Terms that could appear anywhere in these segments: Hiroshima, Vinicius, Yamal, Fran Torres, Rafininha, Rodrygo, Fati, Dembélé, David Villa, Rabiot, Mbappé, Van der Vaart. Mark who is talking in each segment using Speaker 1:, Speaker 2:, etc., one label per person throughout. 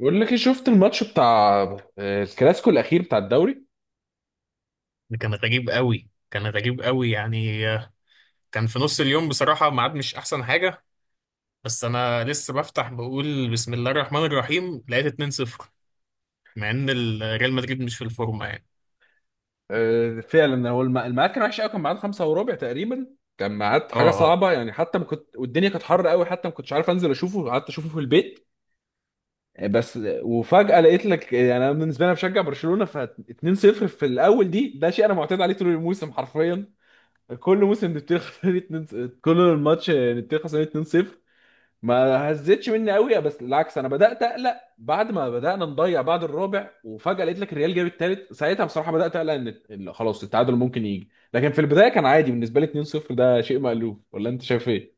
Speaker 1: بقول لك ايه، شفت الماتش بتاع الكلاسيكو الاخير بتاع الدوري؟
Speaker 2: كان غريب قوي يعني، كان في نص اليوم بصراحة، ميعاد مش أحسن حاجة. بس أنا لسه بفتح بقول بسم الله الرحمن الرحيم، لقيت 2-0 مع إن ريال مدريد مش في الفورمة يعني.
Speaker 1: فعلا هو الميعاد كان وحش قوي، كان ميعاد 5:15 تقريبا. كان ميعاد حاجه
Speaker 2: أه أه.
Speaker 1: صعبه يعني، حتى ما كنت والدنيا كانت حر قوي، حتى ما كنتش عارف انزل اشوفه، قعدت اشوفه في البيت. بس وفجاه لقيت لك يعني انا بالنسبه لي أنا بشجع برشلونه، ف 2-0 في الاول دي ده شيء انا معتاد عليه طول الموسم حرفيا. كل موسم نبتدي خسرانين 2 كل الماتش نبتدي خسرانين. ما هزتش مني قوي، بس بالعكس انا بدات اقلق بعد ما بدانا نضيع، بعد الرابع وفجاه لقيت لك الريال جاب الثالث. ساعتها بصراحه بدات اقلق ان إن خلاص التعادل ممكن يجي، لكن في البدايه كان عادي بالنسبه لي 2-0، ده شيء مألوف. ولا انت شايف ايه؟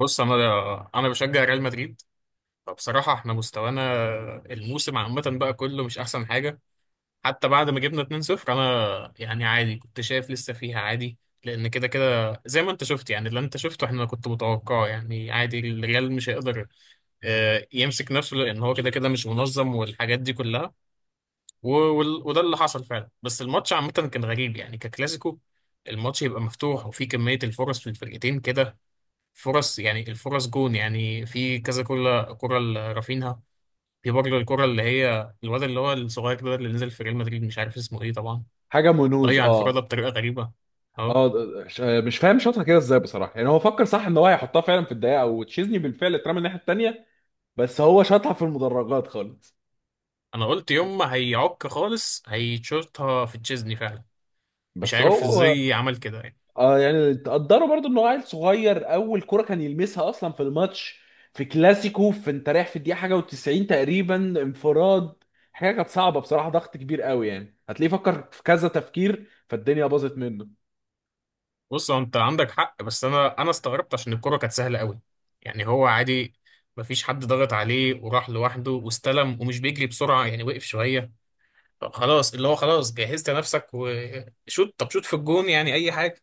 Speaker 2: بص، أنا بشجع ريال مدريد. فبصراحة إحنا مستوانا الموسم عامة بقى كله مش أحسن حاجة. حتى بعد ما جبنا 2-0 أنا يعني عادي، كنت شايف لسه فيها عادي. لأن كده كده زي ما أنت شفت، يعني اللي أنت شفته إحنا كنت متوقعه، يعني عادي الريال مش هيقدر يمسك نفسه، لان هو كده كده مش منظم والحاجات دي كلها. و- وده اللي حصل فعلا. بس الماتش عامه كان غريب يعني ككلاسيكو، الماتش يبقى مفتوح وفي كميه الفرص في الفرقتين كده. فرص، يعني الفرص جون، يعني في كذا كرة لرافينها. في برضه الكرة اللي هي الواد اللي هو الصغير ده اللي نزل في ريال مدريد، مش عارف اسمه ايه طبعا،
Speaker 1: حاجه منوز
Speaker 2: ضيع
Speaker 1: اه.
Speaker 2: انفرادة بطريقة غريبة. اهو،
Speaker 1: اه مش فاهم شاطها كده ازاي بصراحه، يعني هو فكر صح ان هو هيحطها فعلا في الدقيقه وتشيزني بالفعل اترمى الناحيه الثانيه، بس هو شاطها في المدرجات خالص.
Speaker 2: انا قلت يوم ما هيعك خالص هيتشوطها في تشيزني فعلا، مش
Speaker 1: بس
Speaker 2: عارف
Speaker 1: هو
Speaker 2: ازاي عمل كده يعني.
Speaker 1: اه يعني تقدروا برضو ان هو عيل صغير، اول كرة كان يلمسها اصلا في الماتش، في كلاسيكو، في انت رايح في الدقيقة حاجة و90 تقريبا، انفراد. حاجة كانت صعبة بصراحة، ضغط كبير قوي يعني هتلاقيه فكر في كذا تفكير فالدنيا باظت منه.
Speaker 2: بص، هو انت عندك حق، بس انا استغربت عشان الكرة كانت سهلة قوي، يعني هو عادي، مفيش حد ضغط عليه وراح لوحده واستلم، ومش بيجري بسرعة يعني، وقف شوية. طب خلاص اللي هو خلاص جهزت نفسك وشوت، طب شوت في الجون يعني اي حاجة.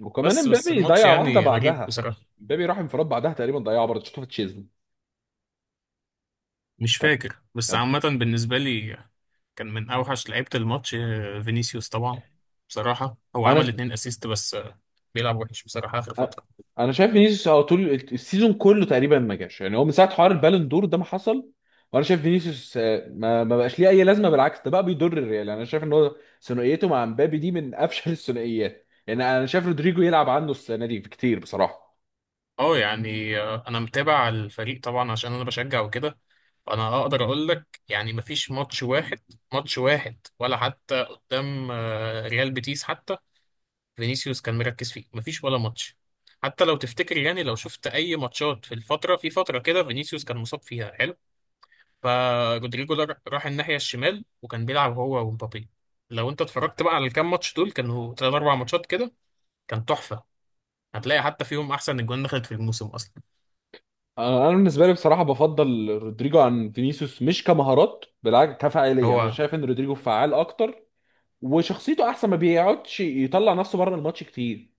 Speaker 1: وكمان
Speaker 2: بس
Speaker 1: امبابي
Speaker 2: الماتش
Speaker 1: ضيع واحدة
Speaker 2: يعني غريب
Speaker 1: بعدها،
Speaker 2: بصراحة.
Speaker 1: امبابي راح انفراد بعدها تقريبا ضيعها برضه شفته في تشيزني.
Speaker 2: مش فاكر، بس عامة بالنسبة لي كان من اوحش لعيبة الماتش فينيسيوس طبعا. بصراحة هو عمل
Speaker 1: انا
Speaker 2: اتنين اسيست، بس بيلعب وحش بصراحة اخر
Speaker 1: أ-
Speaker 2: فترة.
Speaker 1: انا شايف فينيسيوس هو طول السيزون كله تقريبا ما جاش، يعني هو من ساعه حوار البالون دور ده ما حصل. وانا شايف فينيسيوس ما بقاش ليه اي لازمه، بالعكس ده بقى بيضر الريال يعني. انا شايف ان هو ثنائيته مع مبابي دي من افشل الثنائيات، يعني انا شايف رودريجو يلعب عنه السنه دي كتير بصراحه.
Speaker 2: اه يعني، انا متابع الفريق طبعا عشان انا بشجع وكده، فانا اقدر اقول لك يعني مفيش ماتش واحد، ماتش واحد ولا حتى قدام ريال بيتيس حتى، فينيسيوس كان مركز فيه. مفيش ولا ماتش، حتى لو تفتكر يعني، لو شفت اي ماتشات في الفتره، في فتره كده فينيسيوس كان مصاب فيها حلو. فرودريجو ده راح الناحيه الشمال وكان بيلعب هو ومبابي. لو انت اتفرجت بقى على الكام ماتش دول، كانوا تلات اربع ماتشات كده، كان تحفه، هتلاقي حتى فيهم احسن اجوان دخلت في الموسم اصلا.
Speaker 1: انا بالنسبه لي بصراحه بفضل رودريجو عن فينيسيوس، مش كمهارات بالعكس كفاعليه، انا
Speaker 2: هو
Speaker 1: شايف ان رودريجو فعال اكتر، وشخصيته احسن، ما بيقعدش يطلع نفسه بره الماتش كتير.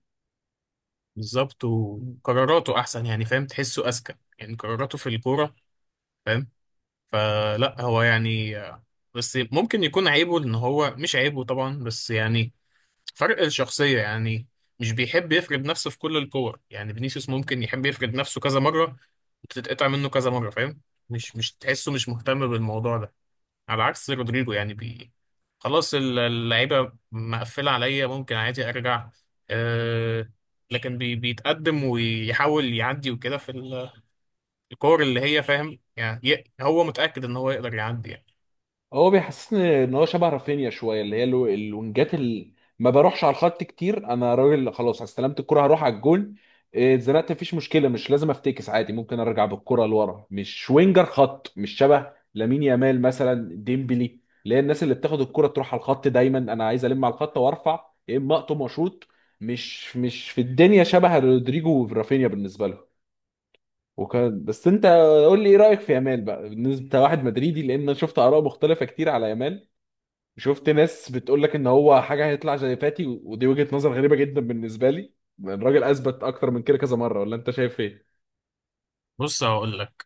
Speaker 2: بالظبط، وقراراته احسن يعني، فاهم؟ تحسه اذكى، يعني قراراته في الكوره، فاهم؟ فلا هو يعني، بس ممكن يكون عيبه ان هو، مش عيبه طبعا بس يعني، فرق الشخصيه يعني، مش بيحب يفرد نفسه في كل الكور. يعني فينيسيوس ممكن يحب يفرد نفسه كذا مره، وتتقطع منه كذا مره، فاهم؟ مش تحسه مش مهتم بالموضوع ده، على عكس رودريجو يعني. خلاص اللعيبة مقفلة عليا، ممكن عادي أرجع. أه. لكن بي بيتقدم ويحاول يعدي وكده في الكور اللي هي، فاهم يعني؟ هو متأكد إن هو يقدر يعدي يعني.
Speaker 1: هو بيحسسني ان هو شبه رافينيا شويه، اللي هي الوينجات اللي ما بروحش على الخط كتير، انا راجل خلاص استلمت الكره هروح على الجون. إيه، اتزنقت مفيش مشكله، مش لازم افتكس عادي ممكن ارجع بالكره لورا، مش وينجر خط، مش شبه لامين يامال مثلا ديمبلي، اللي هي الناس اللي بتاخد الكره تروح على الخط دايما، انا عايز الم على الخط وارفع يا اما اقطم واشوط. مش في الدنيا شبه رودريجو ورافينيا بالنسبه لهم. وكان بس انت، قول لي ايه رايك في يامال بقى بالنسبه لواحد مدريدي؟ لان انا شفت اراء مختلفه كتير على يامال، شفت ناس بتقول لك ان هو حاجه هيطلع زي فاتي، ودي وجهه نظر غريبه جدا بالنسبه لي. الراجل اثبت اكتر من كده كذا مره، ولا انت شايف ايه؟
Speaker 2: بص، هقول لك.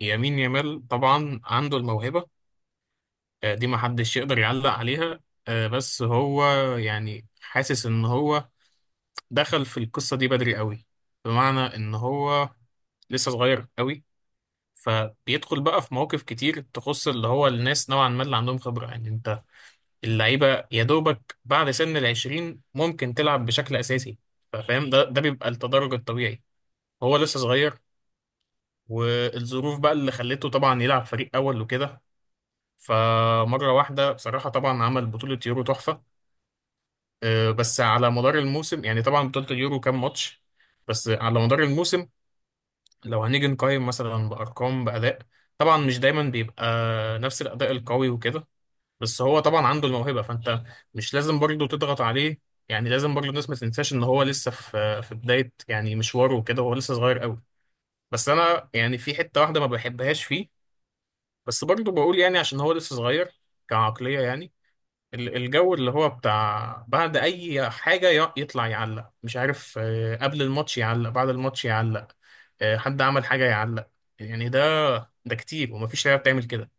Speaker 2: يمين يامال طبعا عنده الموهبة، دي محدش يقدر يعلق عليها. بس هو يعني، حاسس إن هو دخل في القصة دي بدري قوي، بمعنى إن هو لسه صغير قوي، فبيدخل بقى في مواقف كتير تخص اللي هو الناس نوعا ما اللي عندهم خبرة. يعني انت، اللعيبة يا دوبك بعد سن العشرين ممكن تلعب بشكل أساسي، فاهم؟ ده بيبقى التدرج الطبيعي. هو لسه صغير، والظروف بقى اللي خلته طبعا يلعب فريق أول وكده. فمرة واحدة بصراحة طبعا عمل بطولة يورو تحفة. اه، بس على مدار الموسم، يعني طبعا بطولة اليورو كام ماتش؟ بس على مدار الموسم، لو هنيجي نقيم مثلا بأرقام، بأداء، طبعا مش دايما بيبقى نفس الأداء القوي وكده. بس هو طبعا عنده الموهبة، فانت مش لازم برضه تضغط عليه. يعني لازم برضه الناس ما تنساش ان هو لسه في بداية يعني مشواره وكده. هو لسه صغير قوي. بس انا يعني في حتة واحدة ما بحبهاش فيه، بس برضه بقول يعني عشان هو لسه صغير، كعقلية يعني. الجو اللي هو بتاع بعد اي حاجة يطلع يعلق، مش عارف، قبل الماتش يعلق، بعد الماتش يعلق، حد عمل حاجة يعلق. يعني ده كتير، ومفيش لعيبة بتعمل كده.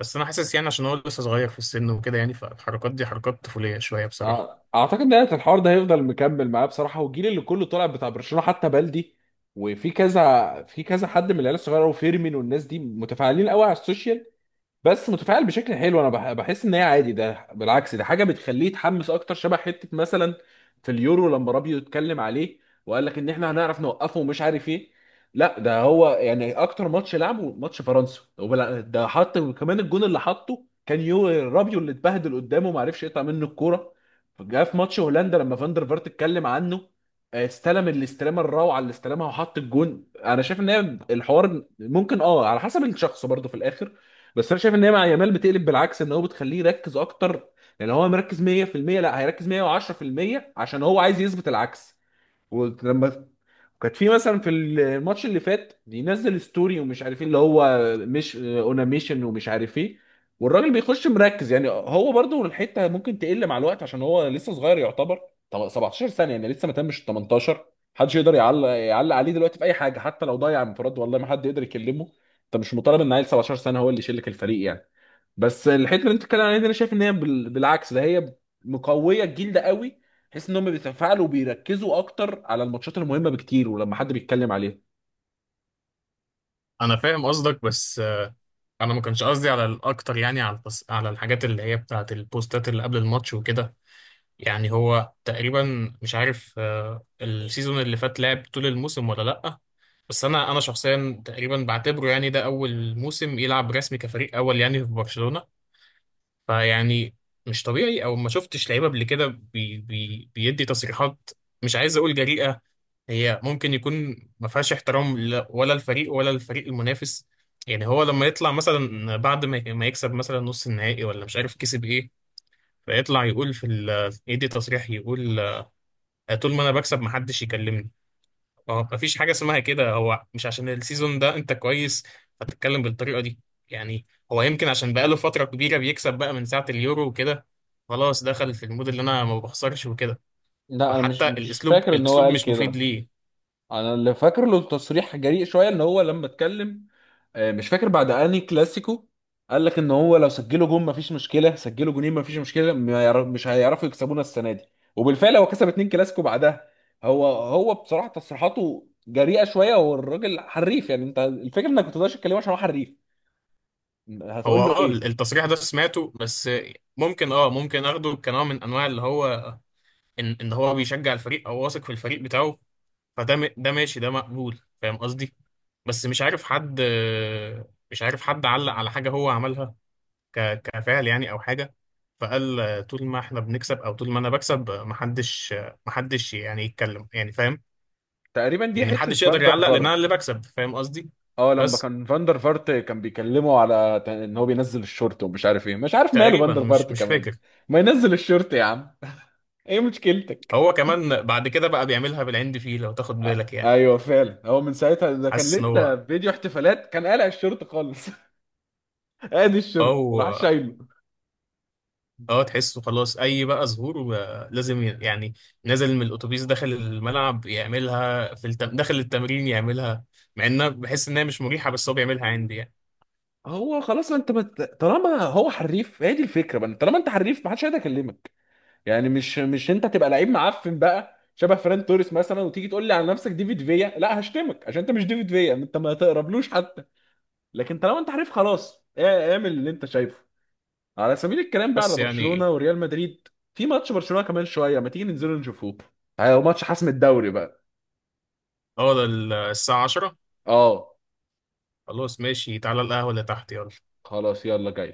Speaker 2: بس انا حاسس يعني عشان هو لسه صغير في السن وكده، يعني فالحركات دي حركات طفوليه شويه
Speaker 1: أع-
Speaker 2: بصراحه.
Speaker 1: اعتقد ان الحوار ده هيفضل مكمل معاه بصراحه، والجيل اللي كله طالع بتاع برشلونه حتى بلدي. وفي كذا في كذا حد من العيال الصغيره وفيرمين والناس دي متفاعلين قوي على السوشيال، بس متفاعل بشكل حلو. انا بحس ان هي عادي، ده بالعكس ده حاجه بتخليه يتحمس اكتر. شبه حته مثلا في اليورو لما رابيو اتكلم عليه وقال لك ان احنا هنعرف نوقفه ومش عارف ايه، لا ده هو يعني اكتر ماتش لعبه ماتش فرنسا، ده حط كمان الجون اللي حطه كان يو رابيو اللي اتبهدل قدامه ما عرفش يقطع منه الكوره. جه في ماتش هولندا لما فاندر فارت اتكلم عنه، استلم الاستلامه الروعه اللي استلمها وحط الجون. انا شايف ان هي الحوار ممكن اه على حسب الشخص برضه في الاخر، بس انا شايف ان هي مع يامال بتقلب بالعكس ان هو بتخليه يركز اكتر. لان هو مركز 100% لا هيركز 110%، عشان هو عايز يثبت العكس. ولما كانت في مثلا في الماتش اللي فات بينزل ستوري ومش عارف ايه، اللي هو مش اوناميشن ومش عارف ايه، والراجل بيخش مركز. يعني هو برضو الحته ممكن تقل مع الوقت عشان هو لسه صغير يعتبر. 17 سنه يعني لسه ما تمش 18، محدش يقدر يعلق عليه دلوقتي في اي حاجه، حتى لو ضيع انفراد والله ما حد يقدر يكلمه. انت مش مطالب ان عيل 17 سنه هو اللي يشيل لك الفريق يعني. بس الحته اللي انت بتتكلم عليها دي انا شايف ان هي بالعكس ده هي مقويه الجيل ده قوي. تحس ان هم بيتفاعلوا وبيركزوا اكتر على الماتشات المهمه بكتير ولما حد بيتكلم عليها.
Speaker 2: انا فاهم قصدك، بس انا ما كانش قصدي على الاكتر، يعني على على الحاجات اللي هي بتاعه البوستات اللي قبل الماتش وكده. يعني هو تقريبا مش عارف السيزون اللي فات لعب طول الموسم ولا لا. بس انا شخصيا تقريبا بعتبره يعني ده اول موسم يلعب رسمي كفريق اول يعني في برشلونه. فيعني، مش طبيعي او ما شفتش لعيبه قبل كده بيدي تصريحات، مش عايز اقول جريئه، هي ممكن يكون ما فيهاش احترام ولا الفريق ولا الفريق المنافس. يعني هو لما يطلع مثلا بعد ما يكسب مثلا نص النهائي ولا مش عارف كسب ايه، فيطلع يقول في يدي تصريح، يقول طول ما انا بكسب ما حدش يكلمني. اه، ما فيش حاجه اسمها كده، هو مش عشان السيزون ده انت كويس فتتكلم بالطريقه دي. يعني هو يمكن عشان بقاله فتره كبيره بيكسب بقى من ساعه اليورو وكده، خلاص دخل في المود اللي انا ما بخسرش وكده.
Speaker 1: لا انا مش
Speaker 2: فحتى
Speaker 1: مش
Speaker 2: الاسلوب
Speaker 1: فاكر ان هو
Speaker 2: الاسلوب
Speaker 1: قال
Speaker 2: مش مفيد
Speaker 1: كده.
Speaker 2: ليه.
Speaker 1: انا اللي فاكر له تصريح جريء شويه ان هو لما اتكلم، مش فاكر بعد انهي كلاسيكو، قال لك ان هو لو سجلوا جون مفيش مشكله، سجلوا جونين مفيش مشكله، ما يعر- مش هيعرفوا يكسبونا السنه دي. وبالفعل هو كسب اتنين كلاسيكو بعدها. هو بصراحه تصريحاته جريئه شويه والراجل حريف، يعني انت الفكره انك ما تقدرش تتكلمه عشان هو حريف،
Speaker 2: هو
Speaker 1: هتقول له
Speaker 2: اه
Speaker 1: ايه؟
Speaker 2: التصريح ده سمعته، بس ممكن اه ممكن اخده كنوع من انواع اللي هو ان هو بيشجع الفريق، او واثق في الفريق بتاعه. فده ده ماشي، ده مقبول، فاهم قصدي؟ بس مش عارف حد علق على حاجة هو عملها كفعل يعني او حاجة، فقال طول ما احنا بنكسب او طول ما انا بكسب، محدش يعني يتكلم، يعني فاهم؟
Speaker 1: تقريبا دي
Speaker 2: يعني
Speaker 1: حته
Speaker 2: محدش يقدر
Speaker 1: فاندر.
Speaker 2: يعلق لان انا اللي بكسب، فاهم قصدي؟
Speaker 1: اه لما
Speaker 2: بس
Speaker 1: كان فاندر فارت كان بيكلمه على ان هو بينزل الشورت ومش عارف ايه، مش عارف ماله
Speaker 2: تقريبا
Speaker 1: فاندر
Speaker 2: مش
Speaker 1: فارت
Speaker 2: مش
Speaker 1: كمان.
Speaker 2: فاكر.
Speaker 1: ما ينزل الشورت يا عم ايه مشكلتك؟
Speaker 2: هو كمان بعد كده بقى بيعملها بالعند فيه لو تاخد بالك يعني.
Speaker 1: ايوه فعلا هو من ساعتها، ده كان
Speaker 2: حاسس ان
Speaker 1: لسه
Speaker 2: هو،
Speaker 1: في فيديو احتفالات كان قالع الشورت خالص ادي الشورت
Speaker 2: او،
Speaker 1: وراح شايله.
Speaker 2: اه تحسه خلاص اي بقى ظهور بقى لازم يعني نازل من الاتوبيس، داخل الملعب يعملها، في داخل التمرين يعملها. مع انها بحس انها مش مريحة، بس هو بيعملها عندي يعني.
Speaker 1: هو خلاص انت ما ت- طالما هو حريف، هي دي الفكره بقى، طالما انت حريف ما حدش هيقدر يكلمك. يعني مش انت تبقى لعيب معفن بقى شبه فران توريس مثلا، وتيجي تقول لي على نفسك ديفيد فيا، لا هشتمك عشان انت مش ديفيد فيا، انت ما تقربلوش حتى. لكن طالما انت عارف خلاص اعمل اللي انت شايفه. على سبيل الكلام بقى
Speaker 2: بس
Speaker 1: على
Speaker 2: يعني،
Speaker 1: برشلونة وريال مدريد، في ماتش برشلونة كمان شوية ما تيجي ننزل نشوفوه؟ هو ماتش حسم الدوري بقى.
Speaker 2: اه ده الساعة 10.
Speaker 1: اه.
Speaker 2: خلاص ماشي، تعالى القهوة اللي تحت، يلا.
Speaker 1: خلاص يلا جاي.